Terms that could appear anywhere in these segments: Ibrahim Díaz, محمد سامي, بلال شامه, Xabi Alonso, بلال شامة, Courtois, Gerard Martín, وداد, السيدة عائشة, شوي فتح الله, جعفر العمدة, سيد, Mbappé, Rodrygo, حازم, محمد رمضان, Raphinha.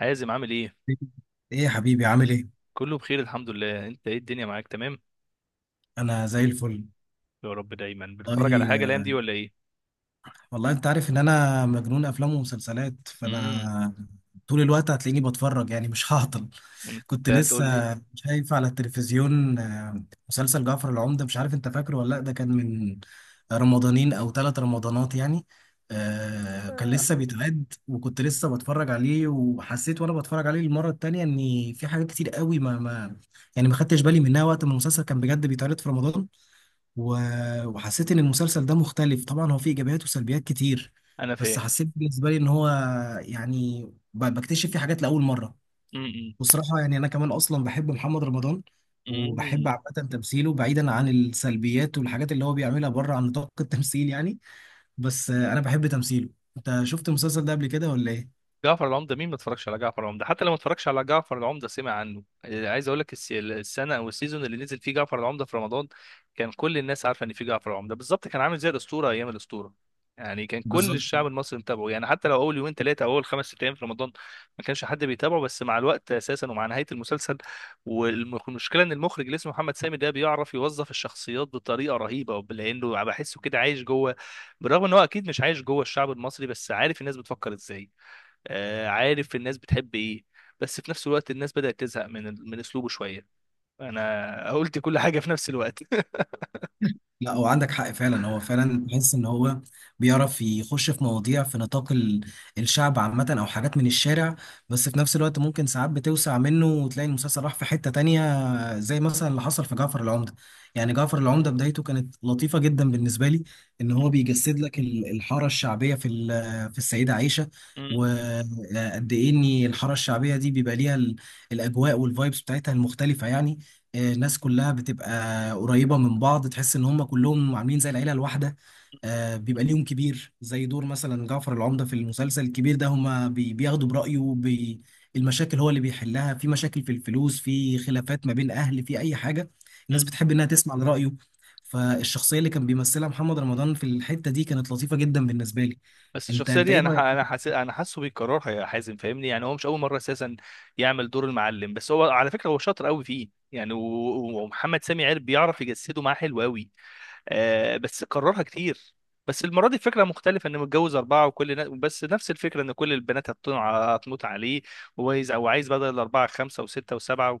حازم عامل ايه؟ ايه يا حبيبي عامل ايه؟ كله بخير الحمد لله. انت ايه الدنيا معاك تمام؟ انا زي الفل. يا رب. دايما بتتفرج على حاجه الايام والله دي ولا ايه؟ انت عارف ان انا مجنون افلام ومسلسلات، امم فانا طول الوقت هتلاقيني بتفرج، يعني مش هعطل. انت كنت لسه هتقول لي. شايف على التلفزيون مسلسل جعفر العمدة، مش عارف انت فاكره ولا لا. ده كان من رمضانين او ثلاث رمضانات يعني. كان لسه بيتعد وكنت لسه بتفرج عليه، وحسيت وانا بتفرج عليه المرة التانية ان في حاجات كتير قوي ما يعني ما خدتش بالي منها وقت ما المسلسل كان بجد بيتعرض في رمضان. و- وحسيت ان المسلسل ده مختلف. طبعا هو فيه ايجابيات وسلبيات كتير، انا بس فاهم. حسيت بالنسبه لي ان هو يعني ب- بكتشف فيه حاجات لاول مره. بصراحه يعني انا كمان اصلا بحب محمد رمضان، وبحب امم عامه تمثيله بعيدا عن السلبيات والحاجات اللي هو بيعملها بره عن نطاق التمثيل يعني. بس انا بحب تمثيله. انت شفت المسلسل ده قبل كده ولا ايه؟ جعفر العمدة مين ما اتفرجش على جعفر العمدة؟ حتى لو ما اتفرجش على جعفر العمدة سمع عنه. عايز اقول لك السنة او السيزون اللي نزل فيه جعفر العمدة في رمضان، كان كل الناس عارفة ان في جعفر العمدة. بالظبط كان عامل زي الأسطورة ايام الأسطورة، يعني كان كل بالظبط. الشعب المصري متابعه. يعني حتى لو اول يومين ثلاثة او اول خمس ست ايام في رمضان ما كانش حد بيتابعه، بس مع الوقت اساسا ومع نهاية المسلسل. والمشكلة ان المخرج اللي اسمه محمد سامي ده بيعرف يوظف الشخصيات بطريقة رهيبة، لانه بحسه كده عايش جوه. بالرغم ان هو اكيد مش عايش جوه الشعب المصري، بس عارف الناس بتفكر ازاي. عارف الناس بتحب ايه. بس في نفس الوقت الناس بدأت تزهق من من اسلوبه شوية. انا قلت كل حاجة في نفس الوقت. لا هو عندك حق فعلا، هو فعلا بحس ان هو بيعرف يخش في مواضيع في نطاق الشعب عامة او حاجات من الشارع، بس في نفس الوقت ممكن ساعات بتوسع منه وتلاقي المسلسل راح في حتة تانية، زي مثلا اللي حصل في جعفر العمدة. يعني جعفر العمدة بدايته كانت لطيفة جدا بالنسبة لي، ان هو بيجسد لك الحارة الشعبية في في السيدة عائشة، م- م- وقد ايه ان الحاره الشعبيه دي بيبقى ليها الاجواء والفايبس بتاعتها المختلفه يعني. الناس كلها بتبقى قريبة من بعض، تحس ان هم كلهم عاملين زي العيلة الواحدة. بيبقى ليهم كبير زي دور مثلا جعفر العمدة في المسلسل الكبير ده، هم بياخدوا برأيه. بي المشاكل هو اللي بيحلها، في مشاكل في الفلوس، في خلافات ما بين أهل، في أي حاجة الناس م. بتحب انها تسمع لرأيه. فالشخصية اللي كان بيمثلها محمد رمضان في الحتة دي كانت لطيفة جدا بالنسبة لي. بس انت الشخصية انت دي ايه انا رأيك؟ انا حاسس، انا حاسه بيكررها يا حازم فاهمني. يعني هو مش اول مرة اساسا يعمل دور المعلم، بس هو على فكرة هو شاطر قوي فيه يعني. ومحمد سامي عارف بيعرف يجسده معاه حلو قوي. بس كررها كتير. بس المرة دي الفكرة مختلفة، انه متجوز أربعة وكل بس نفس الفكرة ان كل البنات هتموت عليه، وعايز او عايز بدل الأربعة خمسة وستة وسبعة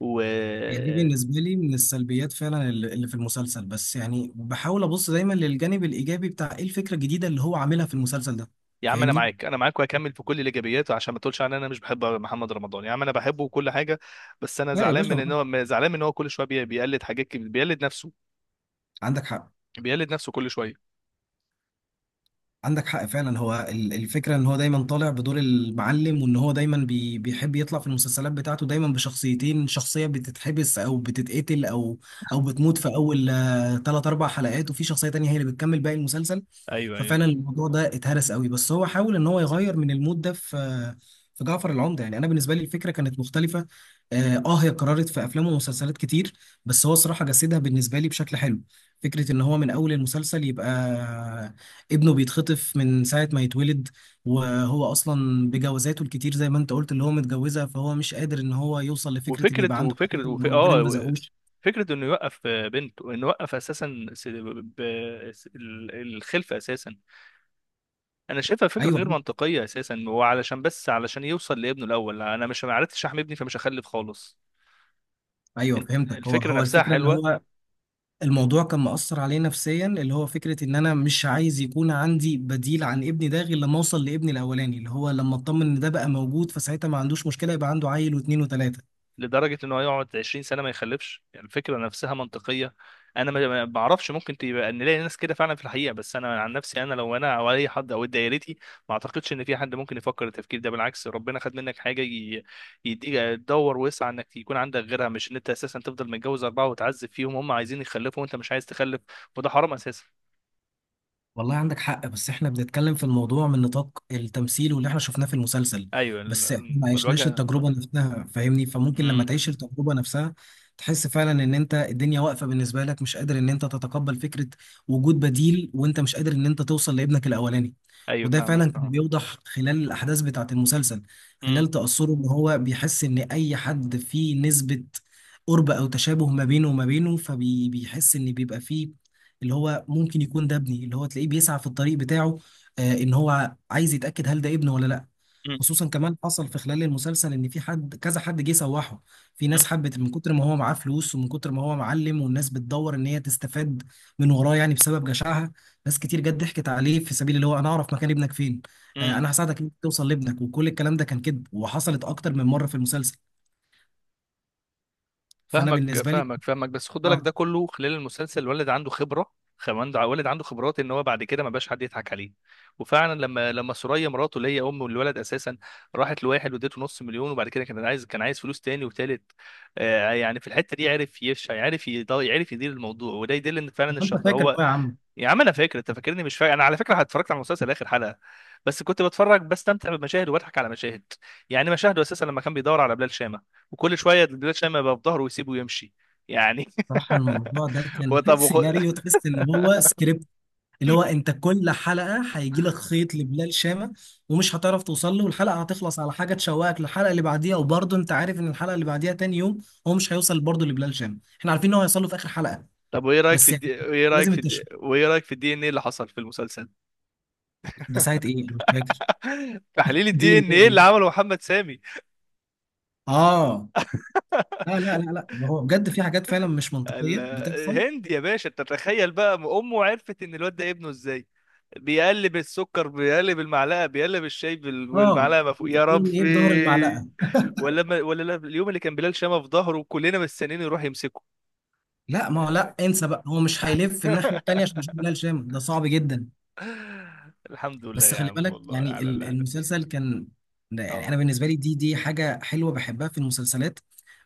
و... هي دي بالنسبة لي من السلبيات فعلا اللي في المسلسل، بس يعني بحاول أبص دايما للجانب الإيجابي بتاع إيه الفكرة الجديدة اللي هو عاملها في المسلسل ده. يا عم انا فاهمني؟ معاك، انا معاك، وهكمل في كل الايجابيات عشان ما تقولش ان انا مش بحب محمد رمضان. يا عم انا بحبه وكل حاجه. بس انا لا يا زعلان باشا من ان طبعاً. هو زعلان من ان هو كل شويه بيقلد حاجات كبيرة، بيقلد نفسه. عندك حق. بيقلد نفسه كل شويه. عندك حق فعلا، هو الفكرة ان هو دايما طالع بدور المعلم، وان هو دايما بي بيحب يطلع في المسلسلات بتاعته دايما بشخصيتين، شخصية بتتحبس او بتتقتل او او بتموت في اول تلات اربع حلقات، وفي شخصية تانية هي اللي بتكمل باقي المسلسل. ايوه ايوه. ففعلا الموضوع ده اتهرس قوي، بس هو حاول ان هو يغير من المود ده في في جعفر العمدة. يعني انا بالنسبة لي الفكرة كانت مختلفة. اه هي اتكررت في افلام ومسلسلات كتير، بس هو الصراحة جسدها بالنسبة لي بشكل حلو. فكرة ان هو من اول المسلسل يبقى ابنه بيتخطف من ساعة ما يتولد، وهو أصلا بجوازاته الكتير زي ما أنت قلت اللي هو متجوزها، فهو مش قادر إن هو يوصل لفكرة إن وفكره يبقى عنده حاجة وفكره وربنا اه ما رزقوش. فكره انه يوقف بنته، انه يوقف اساسا س... ب... س... ال- الخلفه اساسا. انا شايفها فكره غير أيوه. منطقيه اساسا، وعلشان بس علشان يوصل لابنه الاول. انا مش، ما عرفتش احمي ابني فمش هخلف خالص. أيوه فهمتك. هو الفكره هو نفسها الفكرة إن حلوه. هو الموضوع كان مأثر عليه نفسيا، اللي هو فكرة إن أنا مش عايز يكون عندي بديل عن ابني ده غير لما أوصل لابني الأولاني، اللي هو لما أطمن إن ده بقى موجود، فساعتها ما عندوش مشكلة يبقى عنده عيل واتنين وتلاتة. لدرجه ان هو يقعد 20 سنه ما يخلفش، يعني الفكره نفسها منطقيه. انا ما بعرفش، ممكن تبقى نلاقي ناس كده فعلا في الحقيقه، بس انا عن نفسي، انا لو انا او اي حد او دايرتي ما اعتقدش ان في حد ممكن يفكر التفكير ده. بالعكس، ربنا خد منك حاجه يديك تدور وسع انك يكون عندك غيرها، مش ان انت اساسا تفضل متجوز اربعه وتعذب فيهم، هم عايزين يخلفوا وانت مش عايز تخلف. وده حرام اساسا. والله عندك حق، بس احنا بنتكلم في الموضوع من نطاق التمثيل واللي احنا شفناه في المسلسل. ايوه بس احنا ما عشناش الواجهه. التجربة نفسها فاهمني، فممكن لما امم تعيش التجربة نفسها تحس فعلا ان انت الدنيا واقفة بالنسبة لك، مش قادر ان انت تتقبل فكرة وجود بديل وانت مش قادر ان انت توصل لابنك الاولاني. ايوه وده فاهمك فعلا كان فاهم. بيوضح خلال الاحداث بتاعة المسلسل، خلال تأثره ان هو بيحس ان اي حد فيه نسبة قرب او تشابه ما بينه وما بينه، فبيحس ان بيبقى فيه اللي هو ممكن يكون ده ابني، اللي هو تلاقيه بيسعى في الطريق بتاعه. آه ان هو عايز يتأكد هل ده ابنه ولا لا. خصوصا كمان حصل في خلال المسلسل ان في حد، كذا حد جه سوحه. في ناس حبت من كتر ما هو معاه فلوس ومن كتر ما هو معلم، والناس بتدور ان هي تستفاد من وراه يعني بسبب جشعها. ناس كتير جت ضحكت عليه في سبيل اللي هو انا اعرف مكان ابنك فين، آه امم انا هساعدك انك توصل لابنك، وكل الكلام ده كان كذب وحصلت اكتر من مرة في المسلسل. فانا فاهمك بالنسبة لي فاهمك فاهمك، بس خد بالك ده اه كله خلال المسلسل الولد عنده خبره. خمان الولد عنده خبرات، ان هو بعد كده ما بقاش حد يضحك عليه. وفعلا لما سوريا مراته اللي هي ام الولد اساسا راحت لواحد واديته نص مليون، وبعد كده كان عايز، كان عايز فلوس تاني وتالت. آه يعني في الحته دي عرف يعرف يعرف يدير الموضوع، وده يدل ان فعلا انت الشخص فاكر هو. بقى يا عم؟ يا عم انا فاكر. انت فاكرني مش فاكر؟ انا على فكره اتفرجت على المسلسل اخر حلقه. بس كنت بتفرج، بستمتع بالمشاهد، وبضحك على مشاهد. يعني مشاهده اساسا لما كان بيدور على بلال شامه، وكل شويه بلال شامه يبقى في ظهره ويسيبه ويمشي يعني. صراحة الموضوع ده كان وطب وخ... سيناريو، تحس ان هو سكريبت اللي هو انت كل حلقة هيجي لك خيط لبلال شامة، ومش هتعرف توصل له، والحلقة هتخلص على حاجة تشوقك للحلقة اللي بعديها، وبرضه انت عارف ان الحلقة اللي بعديها تاني يوم هو مش هيوصل برضه لبلال شامة، احنا عارفين ان هو هيوصل له في اخر حلقة. طب وايه رايك في بس يعني لازم التشويق. الدي ان ايه اللي حصل في المسلسل؟ ده ساعة ايه، انا مش فاكر. تحليل دي الدي ان ان ايه؟ ايه اللي ايه؟ عمله محمد سامي. اه لا لا لا لا، هو بجد في حاجات فعلا مش منطقية بتحصل. الهند يا باشا. انت تتخيل بقى امه عرفت ان الواد ده ابنه ازاي؟ بيقلب السكر، بيقلب المعلقه، بيقلب الشاي اه والمعلقه ما فوق. دي يا ان ربي. ايه بظهر المعلقة؟ ولا لا، اليوم اللي كان بلال شامه في ظهره كلنا مستنيين يروح يمسكه. لا ما هو لا، انسى بقى، هو مش هيلف الناحية التانية عشان يشوف بلال شام، ده صعب جدا. الحمد لله بس يا خلي عم، بالك والله يعني على اللي احنا فيه. المسلسل كان ده يعني انا اه. بالنسبة لي دي حاجة حلوة بحبها في المسلسلات،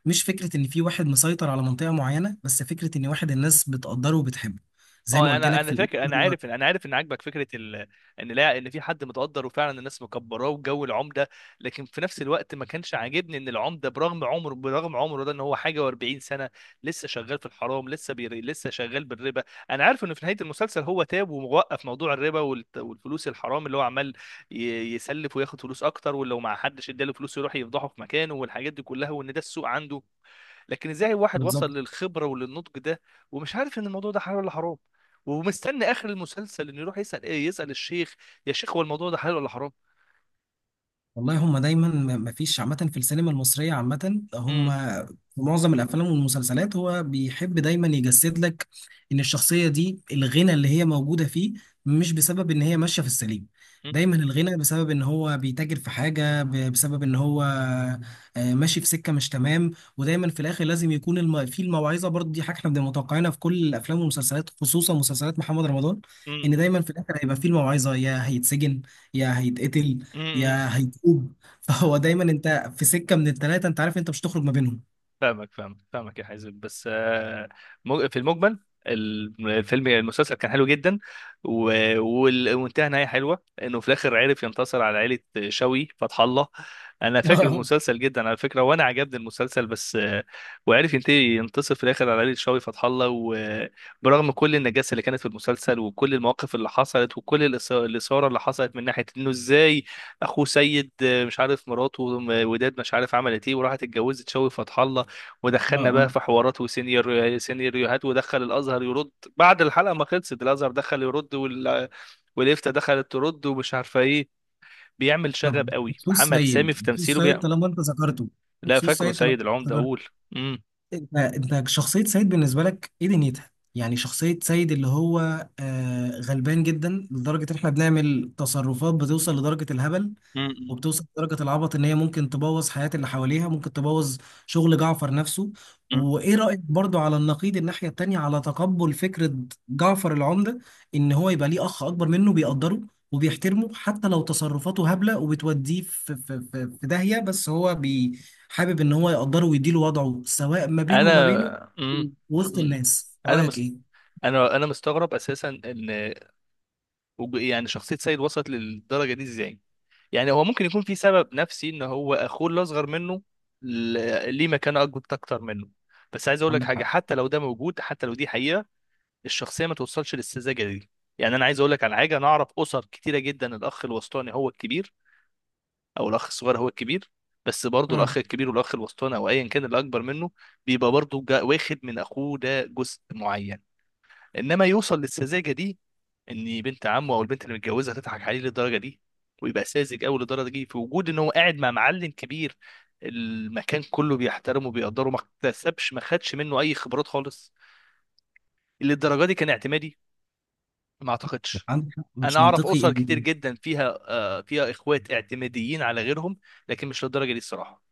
مش فكرة ان في واحد مسيطر على منطقة معينة، بس فكرة ان واحد الناس بتقدره وبتحبه زي ما اه قلت انا، لك انا في الأول. فاكر انا هو عارف انا عارف ان عاجبك فكره ان لا، ان في حد متقدر وفعلا الناس مكبراه وجو العمده. لكن في نفس الوقت ما كانش عاجبني ان العمده، برغم عمره ده، ان هو حاجه و40 سنه لسه شغال في الحرام، لسه لسه شغال بالربا. انا عارف انه في نهايه المسلسل هو تاب ووقف موضوع الربا والفلوس الحرام اللي هو عمال ي... يسلف وياخد فلوس اكتر، ولو ما حدش اداله فلوس يروح يفضحه في مكانه والحاجات دي كلها، وان ده السوق عنده. لكن ازاي واحد وصل بالظبط. للخبره وللنضج ده ومش عارف ان الموضوع ده حلال ولا حرام، ومستني اخر المسلسل انه يروح يسال ايه، يسال الشيخ، يا شيخ هو الموضوع ده حلال ولا حرام؟ والله هم دايما مفيش عامة في السينما المصرية عامة هم امم في معظم الأفلام والمسلسلات هو بيحب دايما يجسد لك إن الشخصية دي الغنى اللي هي موجودة فيه مش بسبب إن هي ماشية في السليم، دايما الغنى بسبب إن هو بيتاجر في حاجة بسبب إن هو ماشي في سكة مش تمام. ودايما في الآخر لازم يكون الم... في الموعظة، برضه دي حاجة إحنا بنبقى متوقعينها في كل الأفلام والمسلسلات، خصوصا مسلسلات محمد رمضان. إن امم دايما في الآخر هيبقى في الموعظة، يا هيتسجن يا هيتقتل امم يا هيتوب. فهو دايما انت في سكه من الثلاثه، انت عارف انت مش هتخرج ما بينهم. فاهمك فاهمك فاهمك يا حازم. بس في المجمل الفيلم المسلسل كان حلو جدا، وانتهى نهايه حلوه انه في الاخر عرف ينتصر على عائله شوي فتح الله. انا فاكر اه. المسلسل جدا على فكره، وانا عجبني المسلسل بس وعرف ينتهي، ينتصر في الاخر على عائله شوي فتح الله، وبرغم كل النجاسه اللي كانت في المسلسل وكل المواقف اللي حصلت وكل الاثاره اللي حصلت من ناحيه انه ازاي اخوه سيد، مش عارف مراته وداد مش عارف عملت ايه وراحت اتجوزت شوي فتح الله، ودخلنا بقى اه في حوارات سيناريوهات ودخل الازهر يرد. بعد الحلقه ما خلصت الازهر دخل يرد والإفتاء دخلت ترد ومش عارفه ايه. بيعمل شغب طب قوي بخصوص محمد سامي سيد، في بخصوص تمثيله. سيد بيعمل، طالما انت ذكرته، لا، بخصوص فاكره سيد طالما سيد انت العمده ذكرته، اقول. امم انت انت شخصيه سيد بالنسبه لك ايه دنيتها؟ يعني شخصيه سيد اللي هو آه غلبان جدا لدرجه ان احنا بنعمل تصرفات بتوصل لدرجه الهبل، مم. وبتوصل لدرجة العبط، ان هي ممكن تبوظ حياة اللي حواليها، ممكن تبوظ شغل جعفر نفسه. مم. وايه رأيك برضو على النقيض الناحية التانية على تقبل فكرة جعفر العمدة، ان هو يبقى ليه اخ اكبر منه بيقدره وبيحترمه حتى لو تصرفاته هبلة وبتوديه في داهية، بس هو بي حابب ان هو يقدره ويديله وضعه سواء ما بينه انا، وما بينه امم وسط امم الناس. انا رأيك مست... ايه؟ انا مستغرب اساسا ان، يعني شخصيه سيد وصلت للدرجه دي ازاي. يعني هو ممكن يكون في سبب نفسي ان هو اخوه اللي اصغر منه ليه مكانه اكبر اكتر منه. بس عايز اقول لك عندك حاجه، حق. حتى لو ده موجود، حتى لو دي حقيقه، الشخصيه ما توصلش للسذاجه دي. يعني انا عايز اقول لك على حاجه، انا اعرف اسر كتيره جدا الاخ الوسطاني هو الكبير، او الاخ الصغير هو الكبير. بس برضه الاخ مم. الكبير والاخ الوسطاني او ايا كان اللي اكبر منه بيبقى برضه واخد من اخوه ده جزء معين. انما يوصل للسذاجه دي، ان بنت عمه او البنت اللي متجوزها تضحك عليه للدرجه دي، ويبقى ساذج قوي للدرجه دي في وجود ان هو قاعد مع معلم كبير، المكان كله بيحترمه وبيقدره، ما اكتسبش ما خدش منه اي خبرات خالص للدرجه دي. كان اعتمادي، ما اعتقدش. عندك حق انا مش اعرف منطقي اسر كتير ان جدا فيها فيها اخوات اعتماديين على غيرهم، لكن مش للدرجه دي الصراحه.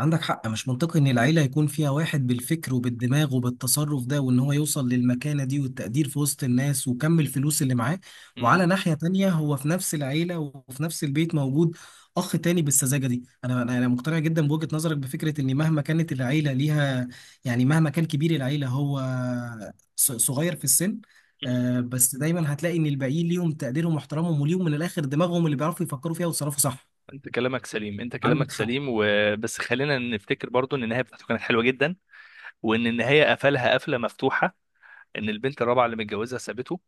عندك حق مش منطقي ان العيله يكون فيها واحد بالفكر وبالدماغ وبالتصرف ده وان هو يوصل للمكانه دي والتقدير في وسط الناس وكم الفلوس اللي معاه، مم. وعلى ناحيه تانية هو في نفس العيله وفي نفس البيت موجود اخ تاني بالسذاجه دي. انا انا أنا مقتنع جدا بوجهه نظرك، بفكره ان مهما كانت العيله ليها، يعني مهما كان كبير العيله هو صغير في السن، بس دايما هتلاقي ان الباقيين ليهم تقديرهم واحترامهم وليهم من الاخر دماغهم اللي بيعرفوا يفكروا فيها ويتصرفوا صح. انت كلامك سليم، عندك حق. وبس خلينا نفتكر برضو ان النهايه بتاعته كانت حلوه جدا، وان النهايه قفلها قفله مفتوحه، ان البنت الرابعه اللي متجوزها سابته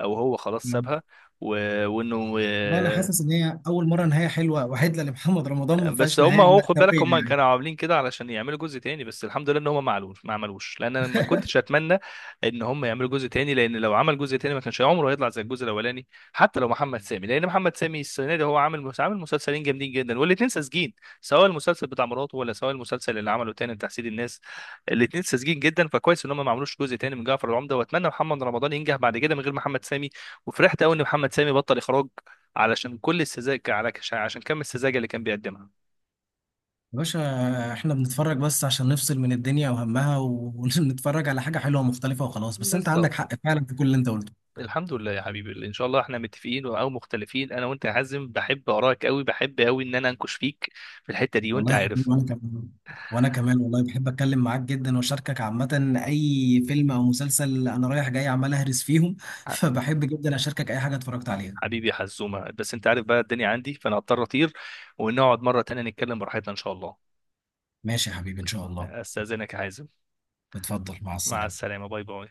او هو خلاص نعم. سابها، و... وانه. بقى انا حاسس ان هي اول مره نهايه حلوه وعدله لمحمد رمضان ما بس فيهاش هم نهايه اهو خد بالك مأساويه هم يعني. كانوا عاملين كده علشان يعملوا جزء تاني، بس الحمد لله ان هم ما عملوش. لان انا ما كنتش اتمنى ان هم يعملوا جزء تاني، لان لو عمل جزء تاني ما كانش عمره هيطلع زي الجزء الاولاني حتى لو محمد سامي، لان محمد سامي السنه دي هو عامل عامل مسلسلين جامدين جدا والاتنين ساذجين، سواء المسلسل بتاع مراته ولا سواء المسلسل اللي عمله تاني لتحسيد الناس، الاتنين ساذجين جدا. فكويس ان هم ما عملوش جزء تاني من جعفر العمده، واتمنى محمد رمضان ينجح بعد كده من غير محمد سامي. وفرحت قوي ان محمد سامي بطل اخراج علشان كل السذاجه، على عشان كم السذاجه اللي كان بيقدمها. يا باشا احنا بنتفرج بس عشان نفصل من الدنيا وهمها و- ونتفرج على حاجه حلوه ومختلفه وخلاص، بس انت بالظبط. عندك حق فعلا في كل اللي انت قلته. الحمد لله يا حبيبي، ان شاء الله احنا متفقين او مختلفين انا وانت يا حازم، بحب اراك قوي، بحب قوي ان انا انكش فيك في الحته دي وانت والله يا حبيبي عارف. وانا كمان، وانا كمان والله بحب اتكلم معاك جدا واشاركك عامه اي فيلم او مسلسل. انا رايح جاي عمال اهرس فيهم ح- فبحب جدا اشاركك اي حاجه اتفرجت عليها. حبيبي يا حزومه، بس انت عارف بقى الدنيا عندي فانا هضطر اطير، ونقعد مره تانية نتكلم براحتنا ان شاء الله. ماشي يا حبيبي ان شاء الله. استاذنك يا حازم. اتفضل مع مع السلامه. السلامه باي باي.